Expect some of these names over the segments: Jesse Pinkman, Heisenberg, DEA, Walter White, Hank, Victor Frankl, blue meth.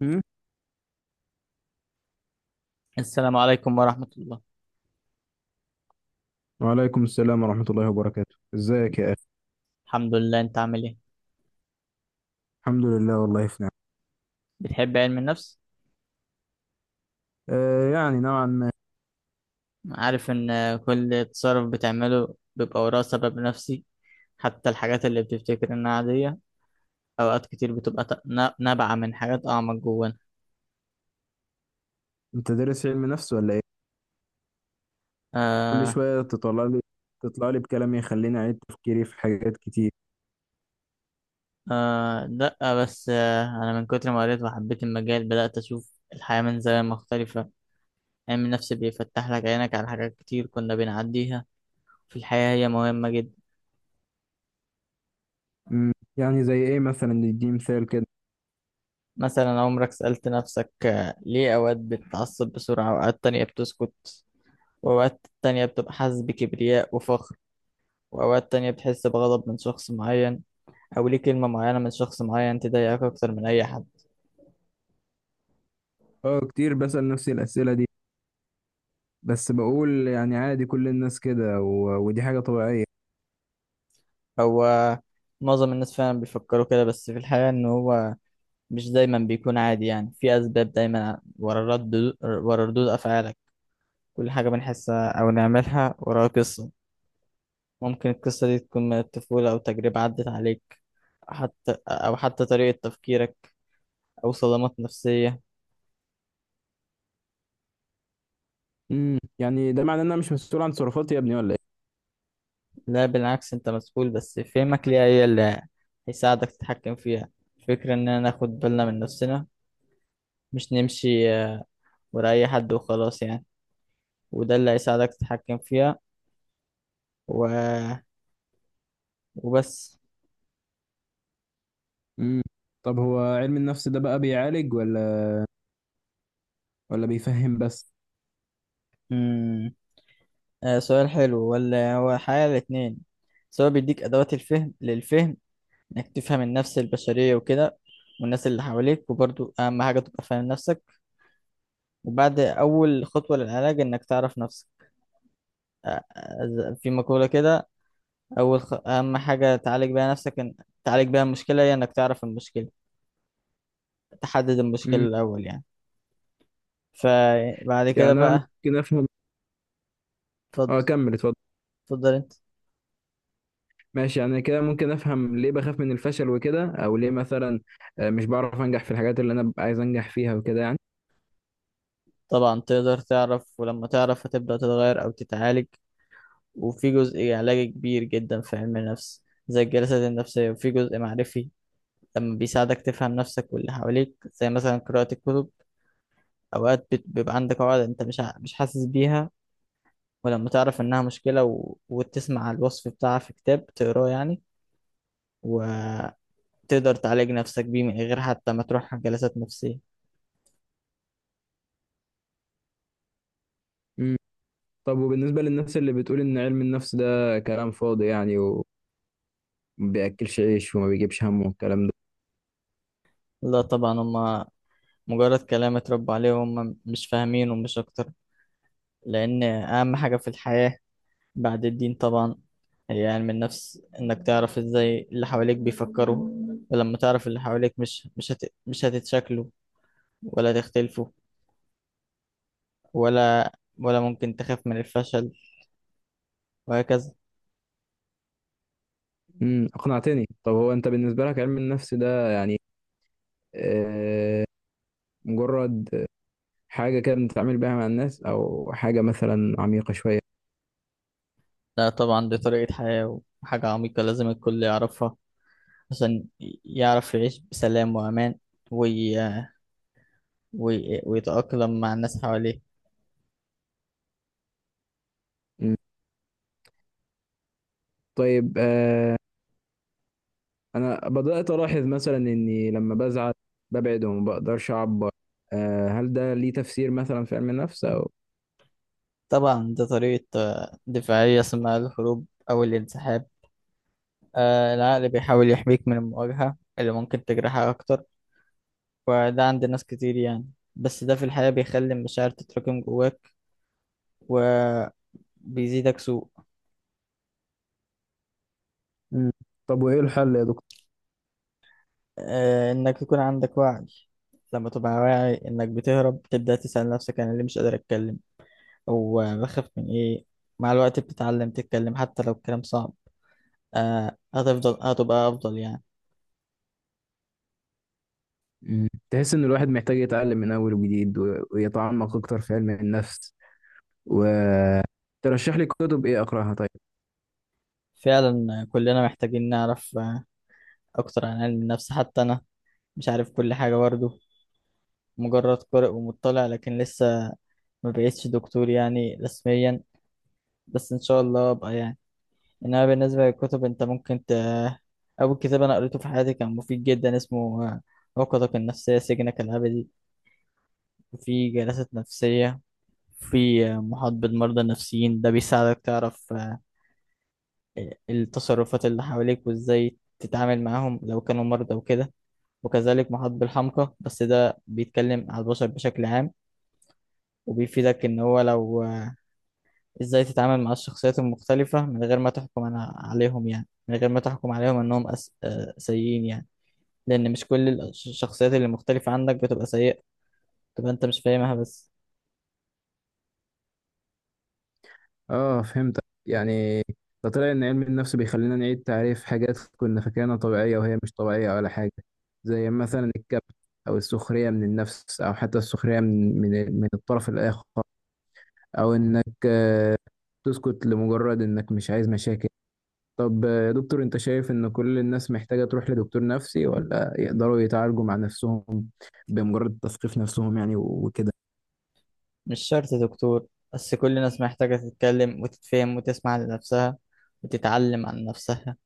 مم. السلام عليكم ورحمة الله. وعليكم السلام ورحمة الله وبركاته، ازيك يا اخي؟ الحمد لله، انت عامل ايه؟ الحمد لله، والله في نعم. بتحب علم النفس؟ آه، يعني نوعا ما. عارف ان كل تصرف بتعمله بيبقى وراه سبب نفسي، حتى الحاجات اللي بتفتكر انها عادية. اوقات كتير بتبقى نابعة من حاجات اعمق جوانا. انت دارس علم نفس ولا ايه؟ كل آه. شوية تطلع لي بكلام يخليني اعيد تفكيري في حاجات كتير. آه، لا بس انا من كتر ما قريت وحبيت المجال بدأت اشوف الحياة من زاوية مختلفة. علم النفس بيفتح لك عينك على حاجات كتير كنا بنعديها في الحياة، هي مهمة جدا. مم. يعني زي ايه مثلا، ندي مثال كده؟ مثلا، عمرك سألت نفسك ليه أوقات بتتعصب بسرعة وأوقات تانية بتسكت؟ وأوقات تانية بتبقى حاسس بكبرياء وفخر، وأوقات تانية بتحس بغضب من شخص معين. أو ليه كلمة معينة من شخص معين تضايقك أكتر من أي حد؟ اه، كتير بسأل نفسي الأسئلة دي، بس بقول يعني عادي، كل الناس كده، ودي حاجة طبيعية. هو معظم الناس فعلا بيفكروا كده، بس في الحقيقة إن هو مش دايما بيكون عادي، يعني في أسباب دايما ورا الرد، ورا ردود أفعالك. كل حاجة بنحسها أو نعملها وراها قصة. ممكن القصة دي تكون من الطفولة أو تجربة عدت عليك، حتى أو حتى طريقة تفكيرك، أو صدمات نفسية. مم. يعني ده معناه ان انا مش مسؤول عن تصرفاتي يا ابني ولا ايه؟ لا بالعكس، أنت مسؤول بس فهمك ليها هي اللي هيساعدك تتحكم فيها. الفكرة إننا ناخد بالنا من نفسنا، مش نمشي ورا أي حد وخلاص يعني. وده اللي هيساعدك تتحكم فيها. و... وبس. مم. طب هو علم النفس ده بقى بيعالج ولا بيفهم بس؟ مم. سؤال حلو، ولا هو الحقيقة الاتنين، سواء بيديك أدوات الفهم للفهم، إنك تفهم النفس البشرية وكده، والناس اللي حواليك، وبرضو أهم حاجة تبقى فاهم نفسك. وبعد، أول خطوة للعلاج إنك تعرف نفسك. في مقولة كده، أهم حاجة تعالج بيها نفسك، تعالج بيها المشكلة هي إنك تعرف المشكلة، تحدد مم. المشكلة الأول يعني. فبعد يعني كده انا بقى، ممكن افهم. اه، اتفضل. كمل، اتفضل. اتفضل أنت. ماشي، يعني كده ممكن افهم ليه بخاف من الفشل وكده، او ليه مثلا مش بعرف انجح في الحاجات اللي انا ببقى عايز انجح فيها وكده يعني. طبعا تقدر تعرف، ولما تعرف هتبدأ تتغير أو تتعالج. وفي جزء علاجي كبير جدا في علم النفس زي الجلسات النفسية، وفي جزء معرفي لما بيساعدك تفهم نفسك واللي حواليك، زي مثلا قراءة الكتب. أوقات بيبقى عندك عقد أنت مش حاسس بيها، ولما تعرف إنها مشكلة وتسمع الوصف بتاعها في كتاب تقراه يعني، وتقدر تعالج نفسك بيه من غير حتى ما تروح جلسات نفسية. مم. طب وبالنسبة للناس اللي بتقول ان علم النفس ده كلام فاضي يعني، وما بياكلش عيش وما بيجيبش همه والكلام ده؟ لا طبعا، هما مجرد كلام اتربوا عليه وهم مش فاهمين، ومش أكتر. لأن أهم حاجة في الحياة، بعد الدين طبعا، هي علم النفس. إنك تعرف إزاي اللي حواليك بيفكروا، ولما تعرف اللي حواليك مش هتتشكلوا ولا تختلفوا، ولا ولا ممكن تخاف من الفشل، وهكذا. اقنعتني. طب هو انت بالنسبة لك علم النفس ده يعني آه مجرد حاجة كده بنتعامل بيها مع الناس، او حاجة مثلا عميقة شوية؟ لا طبعا، دي طريقة حياة وحاجة عميقة لازم الكل يعرفها عشان يعرف يعيش بسلام وأمان، وي... ويتأقلم مع الناس حواليه. مم. طيب، انا بدات الاحظ مثلا اني لما بزعل ببعد وما بقدرش اعبر. هل ده ليه تفسير مثلا في علم النفس او؟ طبعا دي طريقة دفاعية اسمها الهروب أو الانسحاب. العقل بيحاول يحميك من المواجهة اللي ممكن تجرحك أكتر، وده عند ناس كتير يعني. بس ده في الحياة بيخلي المشاعر تتراكم جواك وبيزيدك سوء. مم. طب وايه الحل يا دكتور؟ انك يكون عندك وعي. لما تبقى واعي انك بتهرب، تبدأ تسأل نفسك، انا ليه مش قادر اتكلم؟ او بخاف من ايه؟ مع الوقت بتتعلم تتكلم حتى لو الكلام صعب. هتفضل، هتبقى افضل يعني. مم. تحس ان الواحد محتاج يتعلم من اول وجديد ويتعمق اكتر في علم النفس، وترشح لي كتب ايه اقراها طيب؟ فعلا كلنا محتاجين نعرف اكتر عن علم النفس. حتى انا مش عارف كل حاجة برضه، مجرد قارئ ومطلع لكن لسه ما بقيتش دكتور يعني رسميا، بس ان شاء الله ابقى يعني. انما بالنسبه للكتب، انت ممكن اول كتاب انا قريته في حياتي كان مفيد جدا، اسمه عقدك النفسيه سجنك الابدي. في جلسات نفسيه، في محاط بالمرضى النفسيين، ده بيساعدك تعرف التصرفات اللي حواليك وازاي تتعامل معاهم لو كانوا مرضى وكده. وكذلك محاط بالحمقى، بس ده بيتكلم على البشر بشكل عام، وبيفيدك ان هو لو ازاي تتعامل مع الشخصيات المختلفة من غير ما تحكم عليهم، يعني من غير ما تحكم عليهم انهم أس... آه، سيئين يعني، لأن مش كل الشخصيات اللي مختلفة عنك بتبقى سيئة، تبقى أنت مش فاهمها بس. اه، فهمتك يعني. ده طلع ان علم النفس بيخلينا نعيد تعريف حاجات كنا فاكرينها طبيعيه وهي مش طبيعيه ولا حاجه، زي مثلا الكبت، او السخريه من النفس، او حتى السخريه من الطرف الاخر، او انك تسكت لمجرد انك مش عايز مشاكل. طب يا دكتور، انت شايف ان كل الناس محتاجة تروح لدكتور نفسي، ولا يقدروا يتعالجوا مع نفسهم بمجرد تثقيف نفسهم يعني وكده؟ مش شرط دكتور، بس كل الناس محتاجة تتكلم وتتفهم وتسمع لنفسها وتتعلم عن نفسها،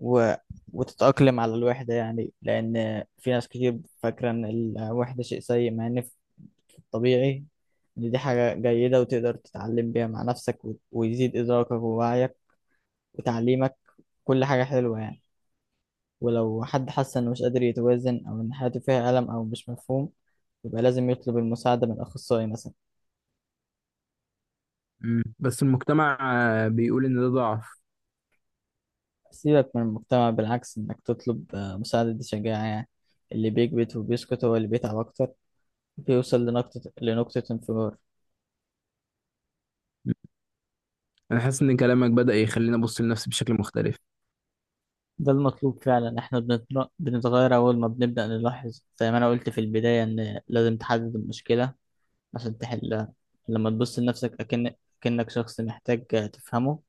و... وتتأقلم على الوحدة يعني. لأن في ناس كتير فاكرة إن الوحدة شيء سيء، مع إن في، في الطبيعي، إن دي حاجة جيدة وتقدر تتعلم بيها مع نفسك، ويزيد إدراكك ووعيك وتعليمك. كل حاجة حلوة يعني. ولو حد حس إنه مش قادر يتوازن، أو إن حياته فيها ألم أو مش مفهوم، يبقى لازم يطلب المساعدة من أخصائي مثلا. مم. بس المجتمع بيقول ان ده ضعف. سيبك من المجتمع، بالعكس إنك تطلب مساعدة دي شجاعة يعني. اللي بيكبت وبيسكت هو اللي بيتعب أكتر، بيوصل لنقطة انفجار. مم. انا حاسس ان كلامك بدأ يخليني ابص لنفسي بشكل مختلف. ده المطلوب فعلا. إحنا بنتغير أول ما بنبدأ نلاحظ، زي ما أنا قلت في البداية، إن لازم تحدد المشكلة عشان تحلها. لما تبص لنفسك أكنك شخص محتاج تفهمه،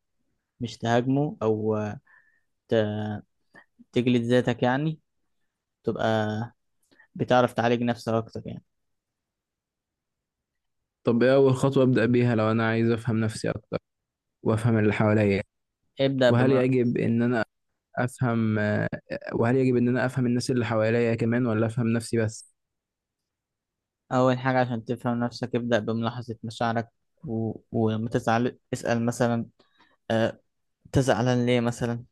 مش تهاجمه أو تجلد ذاتك يعني، تبقى بتعرف تعالج نفسك أكتر يعني. طب ايه اول خطوة ابدأ بيها لو انا عايز افهم نفسي اكتر وافهم اللي حواليا؟ ابدأ وهل بم... يجب ان انا افهم آه، وهل يجب ان انا افهم الناس اللي حواليا كمان، ولا افهم نفسي بس؟ أول حاجة عشان تفهم نفسك، ابدأ بملاحظة مشاعرك. ولما تزعل اسأل مثلا، أه... أنت زعلان ليه مثلا؟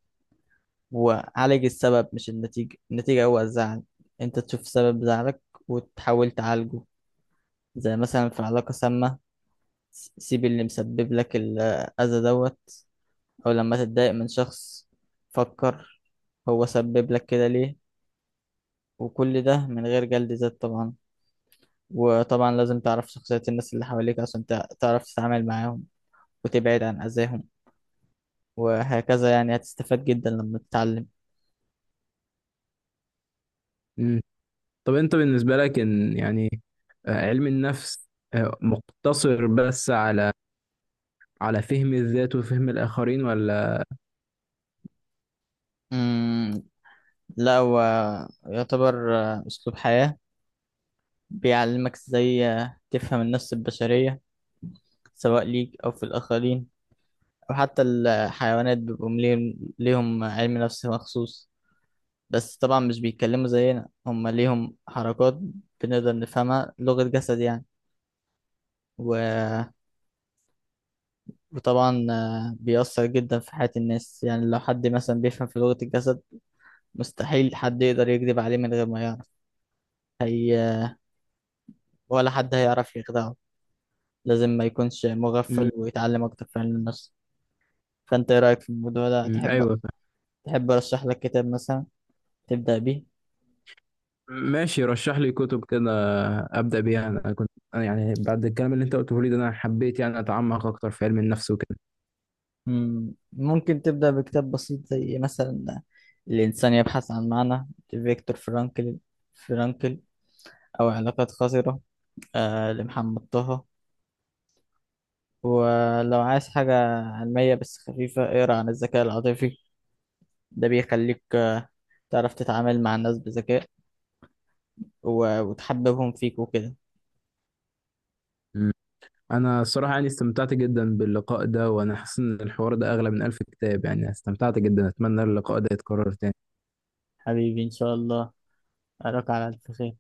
وعالج السبب مش النتيجة، النتيجة هو الزعل. أنت تشوف سبب زعلك وتحاول تعالجه. زي مثلا في علاقة سامة، سيب اللي مسبب لك الأذى دوت. أو لما تتضايق من شخص، فكر، هو سبب لك كده ليه، وكل ده من غير جلد ذات طبعا. وطبعا لازم تعرف شخصية الناس اللي حواليك عشان تعرف تتعامل معاهم وتبعد عن أذاهم، وهكذا يعني. هتستفاد جدا لما تتعلم. مم. طب انت بالنسبة لك ان يعني، علم النفس مقتصر بس على فهم الذات وفهم الآخرين، ولا؟ مم، لا هو يعتبر أسلوب حياة، بيعلمك ازاي تفهم النفس البشرية سواء ليك أو في الآخرين، أو حتى الحيوانات بيبقوا ليهم علم نفس مخصوص. بس طبعا مش بيتكلموا زينا، هم ليهم حركات بنقدر نفهمها، لغة جسد يعني. و وطبعا بيأثر جدا في حياة الناس يعني. لو حد مثلا بيفهم في لغة الجسد، مستحيل حد يقدر يكذب عليه من غير ما يعرف هي، ولا حد هيعرف يخدعه. لازم ما يكونش مم، مغفل ويتعلم أكتر في علم النفس. فأنت إيه رأيك في الموضوع ده؟ مم، تحب ايوه فاهم. تحب أرشح لك كتاب مثلا تبدأ بيه؟ ماشي، رشح لي كتب كده أبدأ بيها. انا كنت أنا يعني بعد الكلام اللي انت قلته لي ده انا حبيت يعني اتعمق اكتر في علم النفس وكده. مم، ممكن تبدأ بكتاب بسيط زي مثلا الإنسان يبحث عن معنى لفيكتور فرانكل، فرانكل أو علاقات خطرة لمحمد طه. ولو عايز حاجة علمية بس خفيفة، اقرا عن الذكاء العاطفي، ده بيخليك تعرف تتعامل مع الناس بذكاء وتحببهم فيك وكده. مم. انا الصراحة يعني استمتعت جدا باللقاء ده، وانا حاسس ان الحوار ده اغلى من ألف كتاب، يعني استمتعت جدا، اتمنى اللقاء ده يتكرر تاني. حبيبي، إن شاء الله أراك على ألف خير.